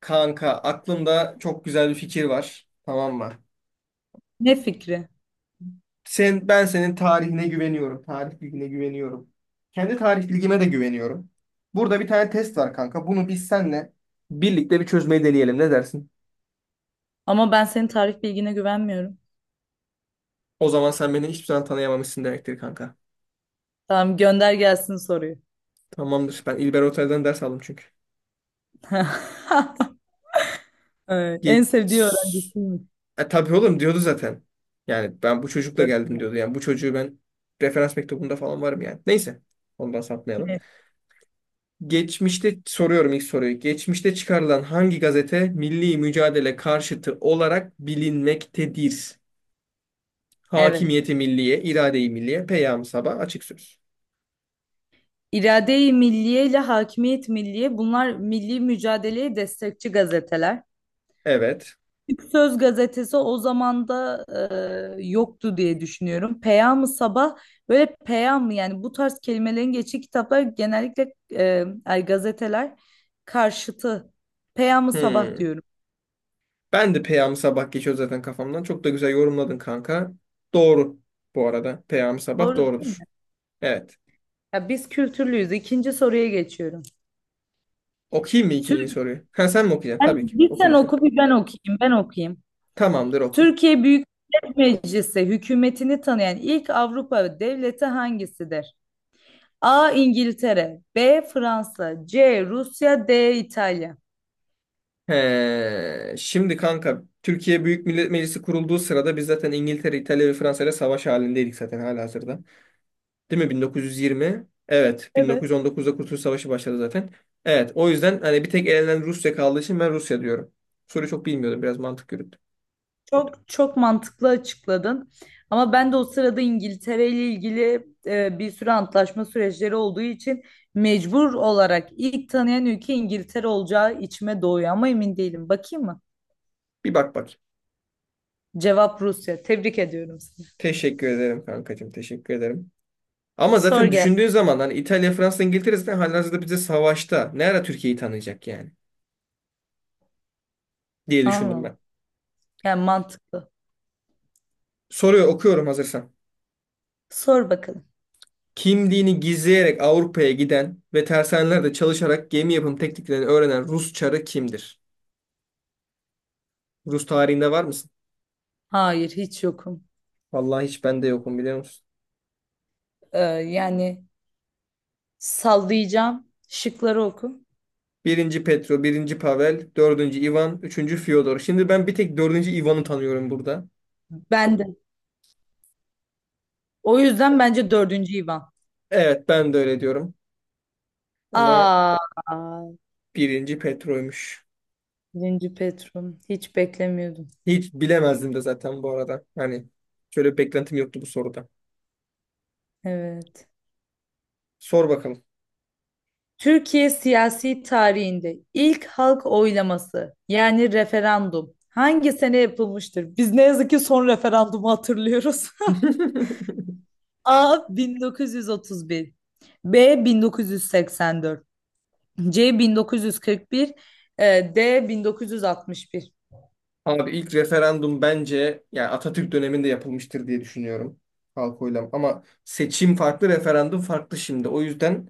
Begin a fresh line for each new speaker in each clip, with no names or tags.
Kanka aklımda çok güzel bir fikir var. Tamam mı?
Ne fikri?
Sen, ben senin tarihine güveniyorum. Tarih bilgine güveniyorum. Kendi tarih bilgime de güveniyorum. Burada bir tane test var kanka. Bunu biz senle birlikte bir çözmeyi deneyelim. Ne dersin?
Ama ben senin tarih bilgine güvenmiyorum.
O zaman sen beni hiçbir zaman tanıyamamışsın demektir kanka.
Tamam, gönder gelsin soruyu.
Tamamdır. Ben İlber Ortaylı'dan ders aldım çünkü.
Evet, en sevdiği
Geç.
öğrencisiymiş.
Tabii oğlum diyordu zaten. Yani ben bu çocukla geldim diyordu. Yani bu çocuğu ben referans mektubunda falan varım yani. Neyse. Ondan sapmayalım.
Evet.
Geçmişte soruyorum ilk soruyu. Geçmişte çıkarılan hangi gazete milli mücadele karşıtı olarak bilinmektedir?
Evet.
Hakimiyeti Milliye, İrade-i Milliye, Peyam-ı Sabah, Açık Söz.
İrade-i Milliye ile Hakimiyet Milliye, bunlar milli mücadeleye destekçi gazeteler.
Evet.
Türk Söz gazetesi o zaman da yoktu diye düşünüyorum. Peyam-ı Sabah, böyle peyam, yani bu tarz kelimelerin geçtiği kitaplar genellikle gazeteler karşıtı. Peyam-ı Sabah
Hmm.
diyorum.
Ben de Peyam-ı Sabah geçiyor zaten kafamdan. Çok da güzel yorumladın kanka. Doğru bu arada. Peyam-ı Sabah
Doğru değil
doğrudur.
mi?
Evet.
Ya, biz kültürlüyüz. İkinci soruya geçiyorum.
Okuyayım mı ikinci
Türk,
soruyu? Ha sen mi okuyacaksın? Tabii ki.
Bir
Oku
sen
lütfen.
oku, bir ben okuyayım. Ben okuyayım.
Tamamdır oku.
Türkiye Büyük Millet Meclisi hükümetini tanıyan ilk Avrupa devleti hangisidir? A. İngiltere, B. Fransa, C. Rusya, D. İtalya.
He, şimdi kanka Türkiye Büyük Millet Meclisi kurulduğu sırada biz zaten İngiltere, İtalya ve Fransa ile savaş halindeydik zaten halihazırda. Değil mi? 1920. Evet.
Evet.
1919'da Kurtuluş Savaşı başladı zaten. Evet. O yüzden hani bir tek elenen Rusya kaldığı için ben Rusya diyorum. Soruyu çok bilmiyordum. Biraz mantık yürüttüm.
Çok çok mantıklı açıkladın. Ama ben de o sırada İngiltere ile ilgili bir sürü antlaşma süreçleri olduğu için mecbur olarak ilk tanıyan ülke İngiltere olacağı içime doğuyor ama emin değilim. Bakayım mı?
Bir bak bak.
Cevap Rusya. Tebrik ediyorum seni.
Teşekkür ederim kankacığım. Teşekkür ederim. Ama
Sor
zaten
gel.
düşündüğün zaman hani İtalya, Fransa, İngiltere zaten halihazırda bize savaşta. Ne ara Türkiye'yi tanıyacak yani diye düşündüm
Anladım.
ben.
Yani mantıklı.
Soruyor okuyorum hazırsan.
Sor bakalım.
Kimliğini gizleyerek Avrupa'ya giden ve tersanelerde çalışarak gemi yapım tekniklerini öğrenen Rus çarı kimdir? Rus tarihinde var mısın?
Hayır, hiç yokum.
Vallahi hiç bende yokum biliyor musun?
Yani sallayacağım. Şıkları oku.
Birinci Petro, birinci Pavel, dördüncü Ivan, üçüncü Fyodor. Şimdi ben bir tek dördüncü Ivan'ı tanıyorum burada.
Ben de. O yüzden bence dördüncü İvan.
Evet ben de öyle diyorum. Ama
Aa,
birinci Petro'ymuş.
birinci Petrum. Hiç beklemiyordum.
Hiç bilemezdim de zaten bu arada. Hani şöyle bir beklentim yoktu bu soruda.
Evet.
Sor bakalım.
Türkiye siyasi tarihinde ilk halk oylaması, yani referandum, hangi sene yapılmıştır? Biz ne yazık ki son referandumu hatırlıyoruz. A 1931, B 1984, C 1941, D 1961.
Abi ilk referandum bence yani Atatürk döneminde yapılmıştır diye düşünüyorum. Halk oylam. Ama seçim farklı, referandum farklı şimdi. O yüzden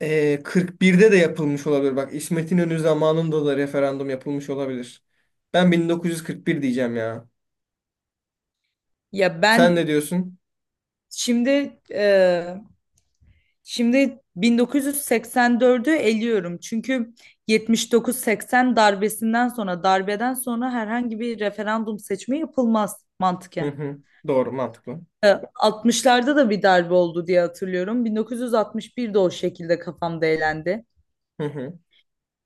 41'de de yapılmış olabilir. Bak İsmet İnönü zamanında da referandum yapılmış olabilir. Ben 1941 diyeceğim ya.
Ya
Sen
ben
ne diyorsun?
şimdi e, şimdi 1984'ü eliyorum. Çünkü 79-80 darbesinden sonra, darbeden sonra, herhangi bir referandum seçimi yapılmaz
Hı
mantıken.
hı. Doğru, mantıklı.
E, 60'larda da bir darbe oldu diye hatırlıyorum. 1961'de o şekilde kafamda elendi.
Hı hı.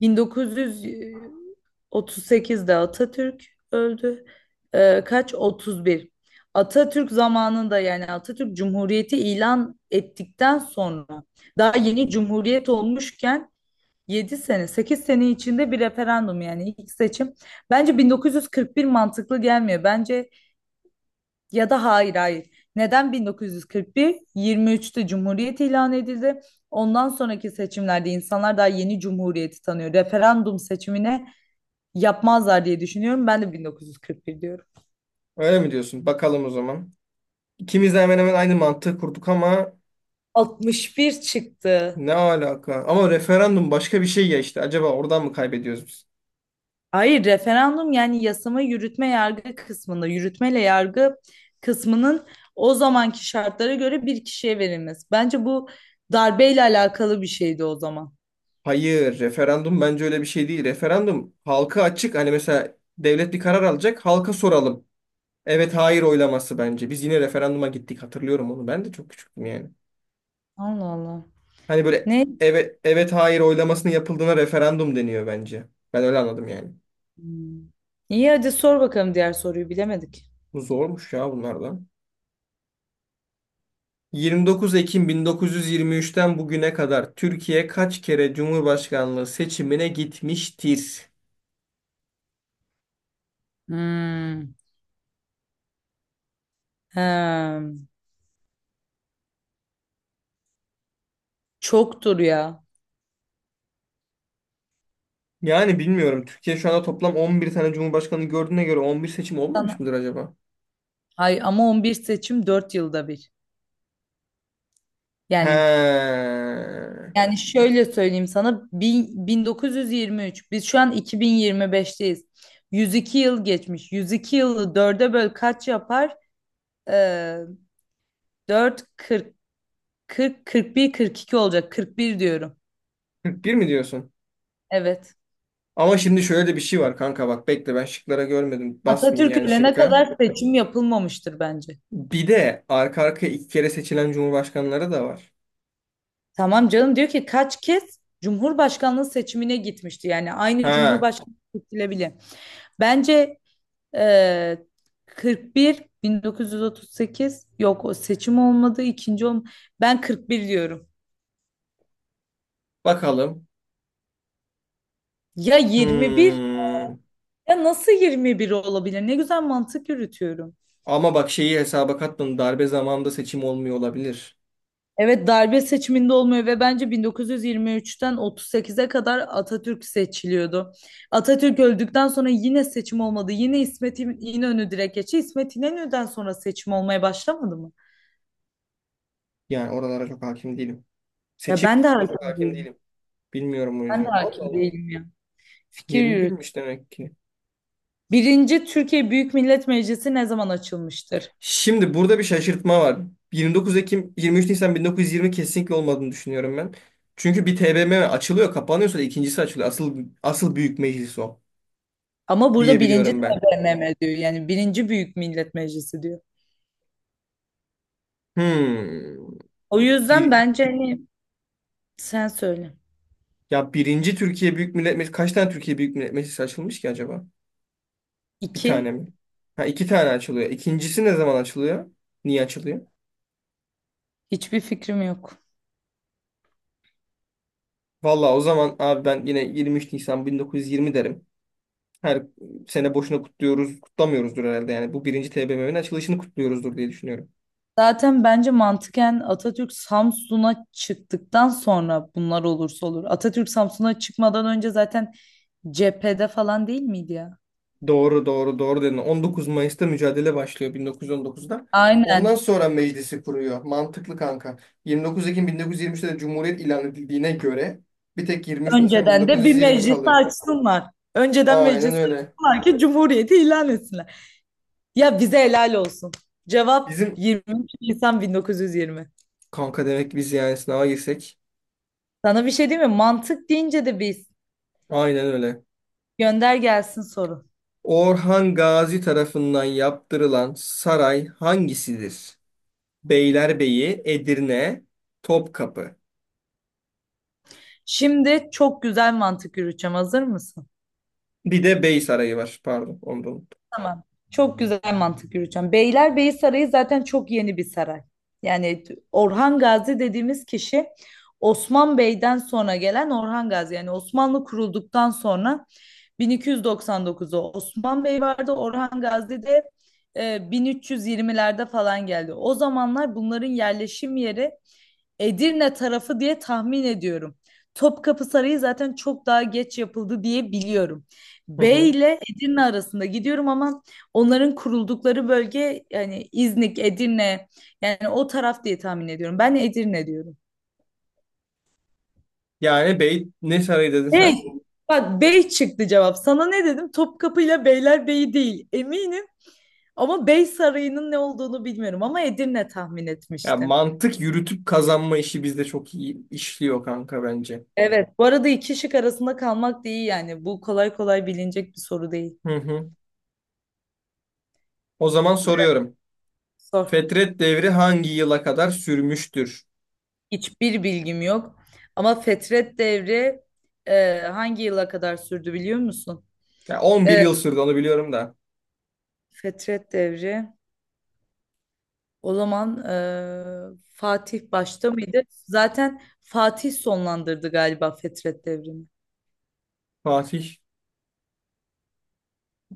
1900 38'de Atatürk öldü. Kaç? 31. Atatürk zamanında, yani Atatürk Cumhuriyeti ilan ettikten sonra, daha yeni Cumhuriyet olmuşken 7 sene, 8 sene içinde bir referandum, yani ilk seçim. Bence 1941 mantıklı gelmiyor. Bence ya da hayır, hayır. Neden 1941? 23'te Cumhuriyet ilan edildi. Ondan sonraki seçimlerde insanlar daha yeni Cumhuriyeti tanıyor. Referandum seçimine yapmazlar diye düşünüyorum. Ben de 1941 diyorum.
Öyle mi diyorsun? Bakalım o zaman. İkimiz de hemen hemen aynı mantığı kurduk ama
61 çıktı.
ne alaka? Ama referandum başka bir şey ya işte. Acaba oradan mı kaybediyoruz biz?
Hayır, referandum yani yasama, yürütme, yargı kısmında yürütmeyle yargı kısmının o zamanki şartlara göre bir kişiye verilmesi. Bence bu darbeyle alakalı bir şeydi o zaman.
Hayır, referandum bence öyle bir şey değil. Referandum halka açık. Hani mesela devlet bir karar alacak, halka soralım. Evet, hayır oylaması bence. Biz yine referanduma gittik. Hatırlıyorum onu. Ben de çok küçüktüm yani.
Allah Allah.
Hani böyle
Ne?
evet evet hayır oylamasının yapıldığına referandum deniyor bence. Ben öyle anladım yani.
Hmm. İyi, hadi sor bakalım diğer soruyu, bilemedik.
Bu zormuş ya bunlardan. 29 Ekim 1923'ten bugüne kadar Türkiye kaç kere Cumhurbaşkanlığı seçimine gitmiştir?
Hmm. Hem. Çoktur ya.
Yani bilmiyorum. Türkiye şu anda toplam 11 tane cumhurbaşkanı gördüğüne göre 11 seçim olmamış mıdır
Sana-
acaba?
Ay, ama 11 seçim 4 yılda bir.
He.
Yani Yani, şöyle söyleyeyim sana, 1923, biz şu an 2025'teyiz. 102 yıl geçmiş. 102 yılı dörde böl, kaç yapar? Ee, 4, 40, 40, 41, 42 olacak. 41 diyorum.
Kırk bir mi diyorsun?
Evet.
Ama şimdi şöyle de bir şey var kanka bak bekle ben şıklara görmedim. Basmayayım
Atatürk
yani
ölene
şıkka.
kadar seçim yapılmamıştır bence.
Bir de arka arkaya iki kere seçilen cumhurbaşkanları da var.
Tamam canım, diyor ki kaç kez Cumhurbaşkanlığı seçimine gitmişti. Yani aynı
Ha.
Cumhurbaşkanı seçilebilir. Bence Ee, 41, 1938 yok, o seçim olmadı, ikinci olm ben 41 diyorum.
Bakalım.
Ya 21,
Hmm.
ya nasıl 21 olabilir? Ne güzel mantık yürütüyorum.
Ama bak şeyi hesaba katmadım. Darbe zamanında seçim olmuyor olabilir.
Evet, darbe seçiminde olmuyor ve bence 1923'ten 38'e kadar Atatürk seçiliyordu. Atatürk öldükten sonra yine seçim olmadı. Yine İsmet İnönü direkt geçti. İsmet İnönü'den sonra seçim olmaya başlamadı mı?
Yani oralara çok hakim değilim.
Ya,
Seçim
ben de
kısmına çok
hakim
hakim
değilim.
değilim. Bilmiyorum o
Ben de
yüzden. Allah
hakim
Allah.
değilim ya. Fikir yürüt.
21'miş demek ki.
Birinci Türkiye Büyük Millet Meclisi ne zaman açılmıştır?
Şimdi burada bir şaşırtma var. 29 Ekim, 23 Nisan 1920 kesinlikle olmadığını düşünüyorum ben. Çünkü bir TBMM açılıyor, kapanıyorsa da ikincisi açılıyor. Asıl asıl büyük meclis o
Ama burada birinci
diyebiliyorum ben.
TBMM diyor. Yani birinci Büyük Millet Meclisi diyor.
Hmm.
O yüzden
Bir
bence hani sen söyle.
Ya birinci Türkiye Büyük Millet Meclisi kaç tane Türkiye Büyük Millet Meclisi açılmış ki acaba? Bir tane
İki,
mi? Ha iki tane açılıyor. İkincisi ne zaman açılıyor? Niye açılıyor?
hiçbir fikrim yok.
Vallahi o zaman abi ben yine 23 Nisan 1920 derim. Her sene boşuna kutluyoruz, kutlamıyoruzdur herhalde. Yani bu birinci TBMM'nin açılışını kutluyoruzdur diye düşünüyorum.
Zaten bence mantıken Atatürk Samsun'a çıktıktan sonra bunlar olursa olur. Atatürk Samsun'a çıkmadan önce zaten cephede falan değil miydi ya?
Doğru, doğru, doğru dedin. 19 Mayıs'ta mücadele başlıyor 1919'da. Ondan
Aynen.
sonra meclisi kuruyor. Mantıklı kanka. 29 Ekim 1923'te de Cumhuriyet ilan edildiğine göre bir tek 23 Nisan
Önceden de bir
1920
meclis
kalıyor.
açsınlar. Önceden
Aynen
meclis
öyle.
açsınlar ki cumhuriyeti ilan etsinler. Ya bize helal olsun. Cevap
Bizim
23 Nisan 1920.
kanka demek ki biz yani sınava girsek.
Sana bir şey diyeyim mi? Mantık deyince de biz.
Aynen öyle.
Gönder gelsin soru.
Orhan Gazi tarafından yaptırılan saray hangisidir? Beylerbeyi, Edirne, Topkapı.
Şimdi çok güzel mantık yürüteceğim. Hazır mısın?
Bir de Bey Sarayı var. Pardon, onu da unuttum.
Tamam. Çok güzel mantık yürüteceğim. Beylerbeyi Sarayı zaten çok yeni bir saray. Yani Orhan Gazi dediğimiz kişi Osman Bey'den sonra gelen Orhan Gazi. Yani Osmanlı kurulduktan sonra 1299'u Osman Bey vardı. Orhan Gazi de e, 1320'lerde falan geldi. O zamanlar bunların yerleşim yeri Edirne tarafı diye tahmin ediyorum. Topkapı Sarayı zaten çok daha geç yapıldı diye biliyorum.
Hı hı.
Bey ile Edirne arasında gidiyorum ama onların kuruldukları bölge, yani İznik, Edirne, yani o taraf diye tahmin ediyorum. Ben Edirne diyorum.
Yani Bey ne sarayı dedin
Bey,
sen?
bak, Bey çıktı cevap. Sana ne dedim? Topkapı ile Beylerbeyi değil. Eminim. Ama Bey Sarayı'nın ne olduğunu bilmiyorum ama Edirne tahmin
Ya
etmiştim.
mantık yürütüp kazanma işi bizde çok iyi işliyor kanka bence.
Evet. Bu arada iki şık arasında kalmak da iyi yani. Bu kolay kolay bilinecek bir soru değil.
Hı hı. O zaman soruyorum.
Sor.
Fetret devri hangi yıla kadar sürmüştür?
Hiçbir bilgim yok. Ama Fetret Devri hangi yıla kadar sürdü biliyor musun?
Ya 11
E,
yıl sürdü onu biliyorum da.
Fetret Devri o zaman, Fatih başta mıydı? Zaten Fatih sonlandırdı galiba Fetret Devri'ni.
Fatih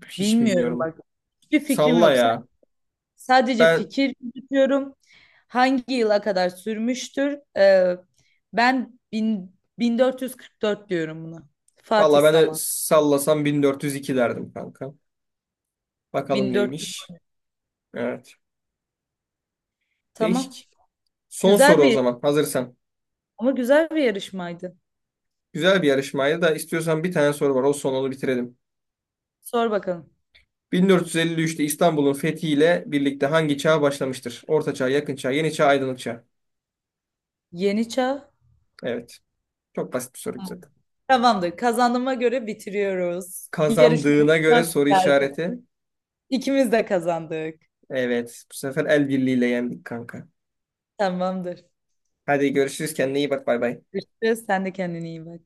hiç
Bilmiyorum
bilmiyorum.
bak. Hiçbir fikrim
Salla
yok.
ya.
Sadece
Ben
fikir yürütüyorum. Hangi yıla kadar sürmüştür? Ben 1444 diyorum buna. Fatih
valla de
Saman.
sallasam 1402 derdim kanka. Bakalım neymiş.
1400.
Evet.
Tamam.
Değişik. Son
Güzel
soru o
bir,
zaman hazırsan.
ama güzel bir yarışmaydı.
Güzel bir yarışmaydı da istiyorsan bir tane soru var. O son onu bitirelim.
Sor bakalım.
1453'te İstanbul'un fethiyle birlikte hangi çağ başlamıştır? Orta Çağ, Yakın Çağ, Yeni Çağ, Aydınlık Çağ.
Yeni çağ.
Evet. Çok basit bir soru zaten.
Tamamdır. Kazandığıma göre bitiriyoruz. Yarışma
Kazandığına göre
çok
soru
güzeldi.
işareti.
İkimiz de kazandık.
Evet. Bu sefer el birliğiyle yendik kanka.
Tamamdır.
Hadi görüşürüz. Kendine iyi bak. Bay bay.
Görüşürüz. Sen de kendine iyi bak.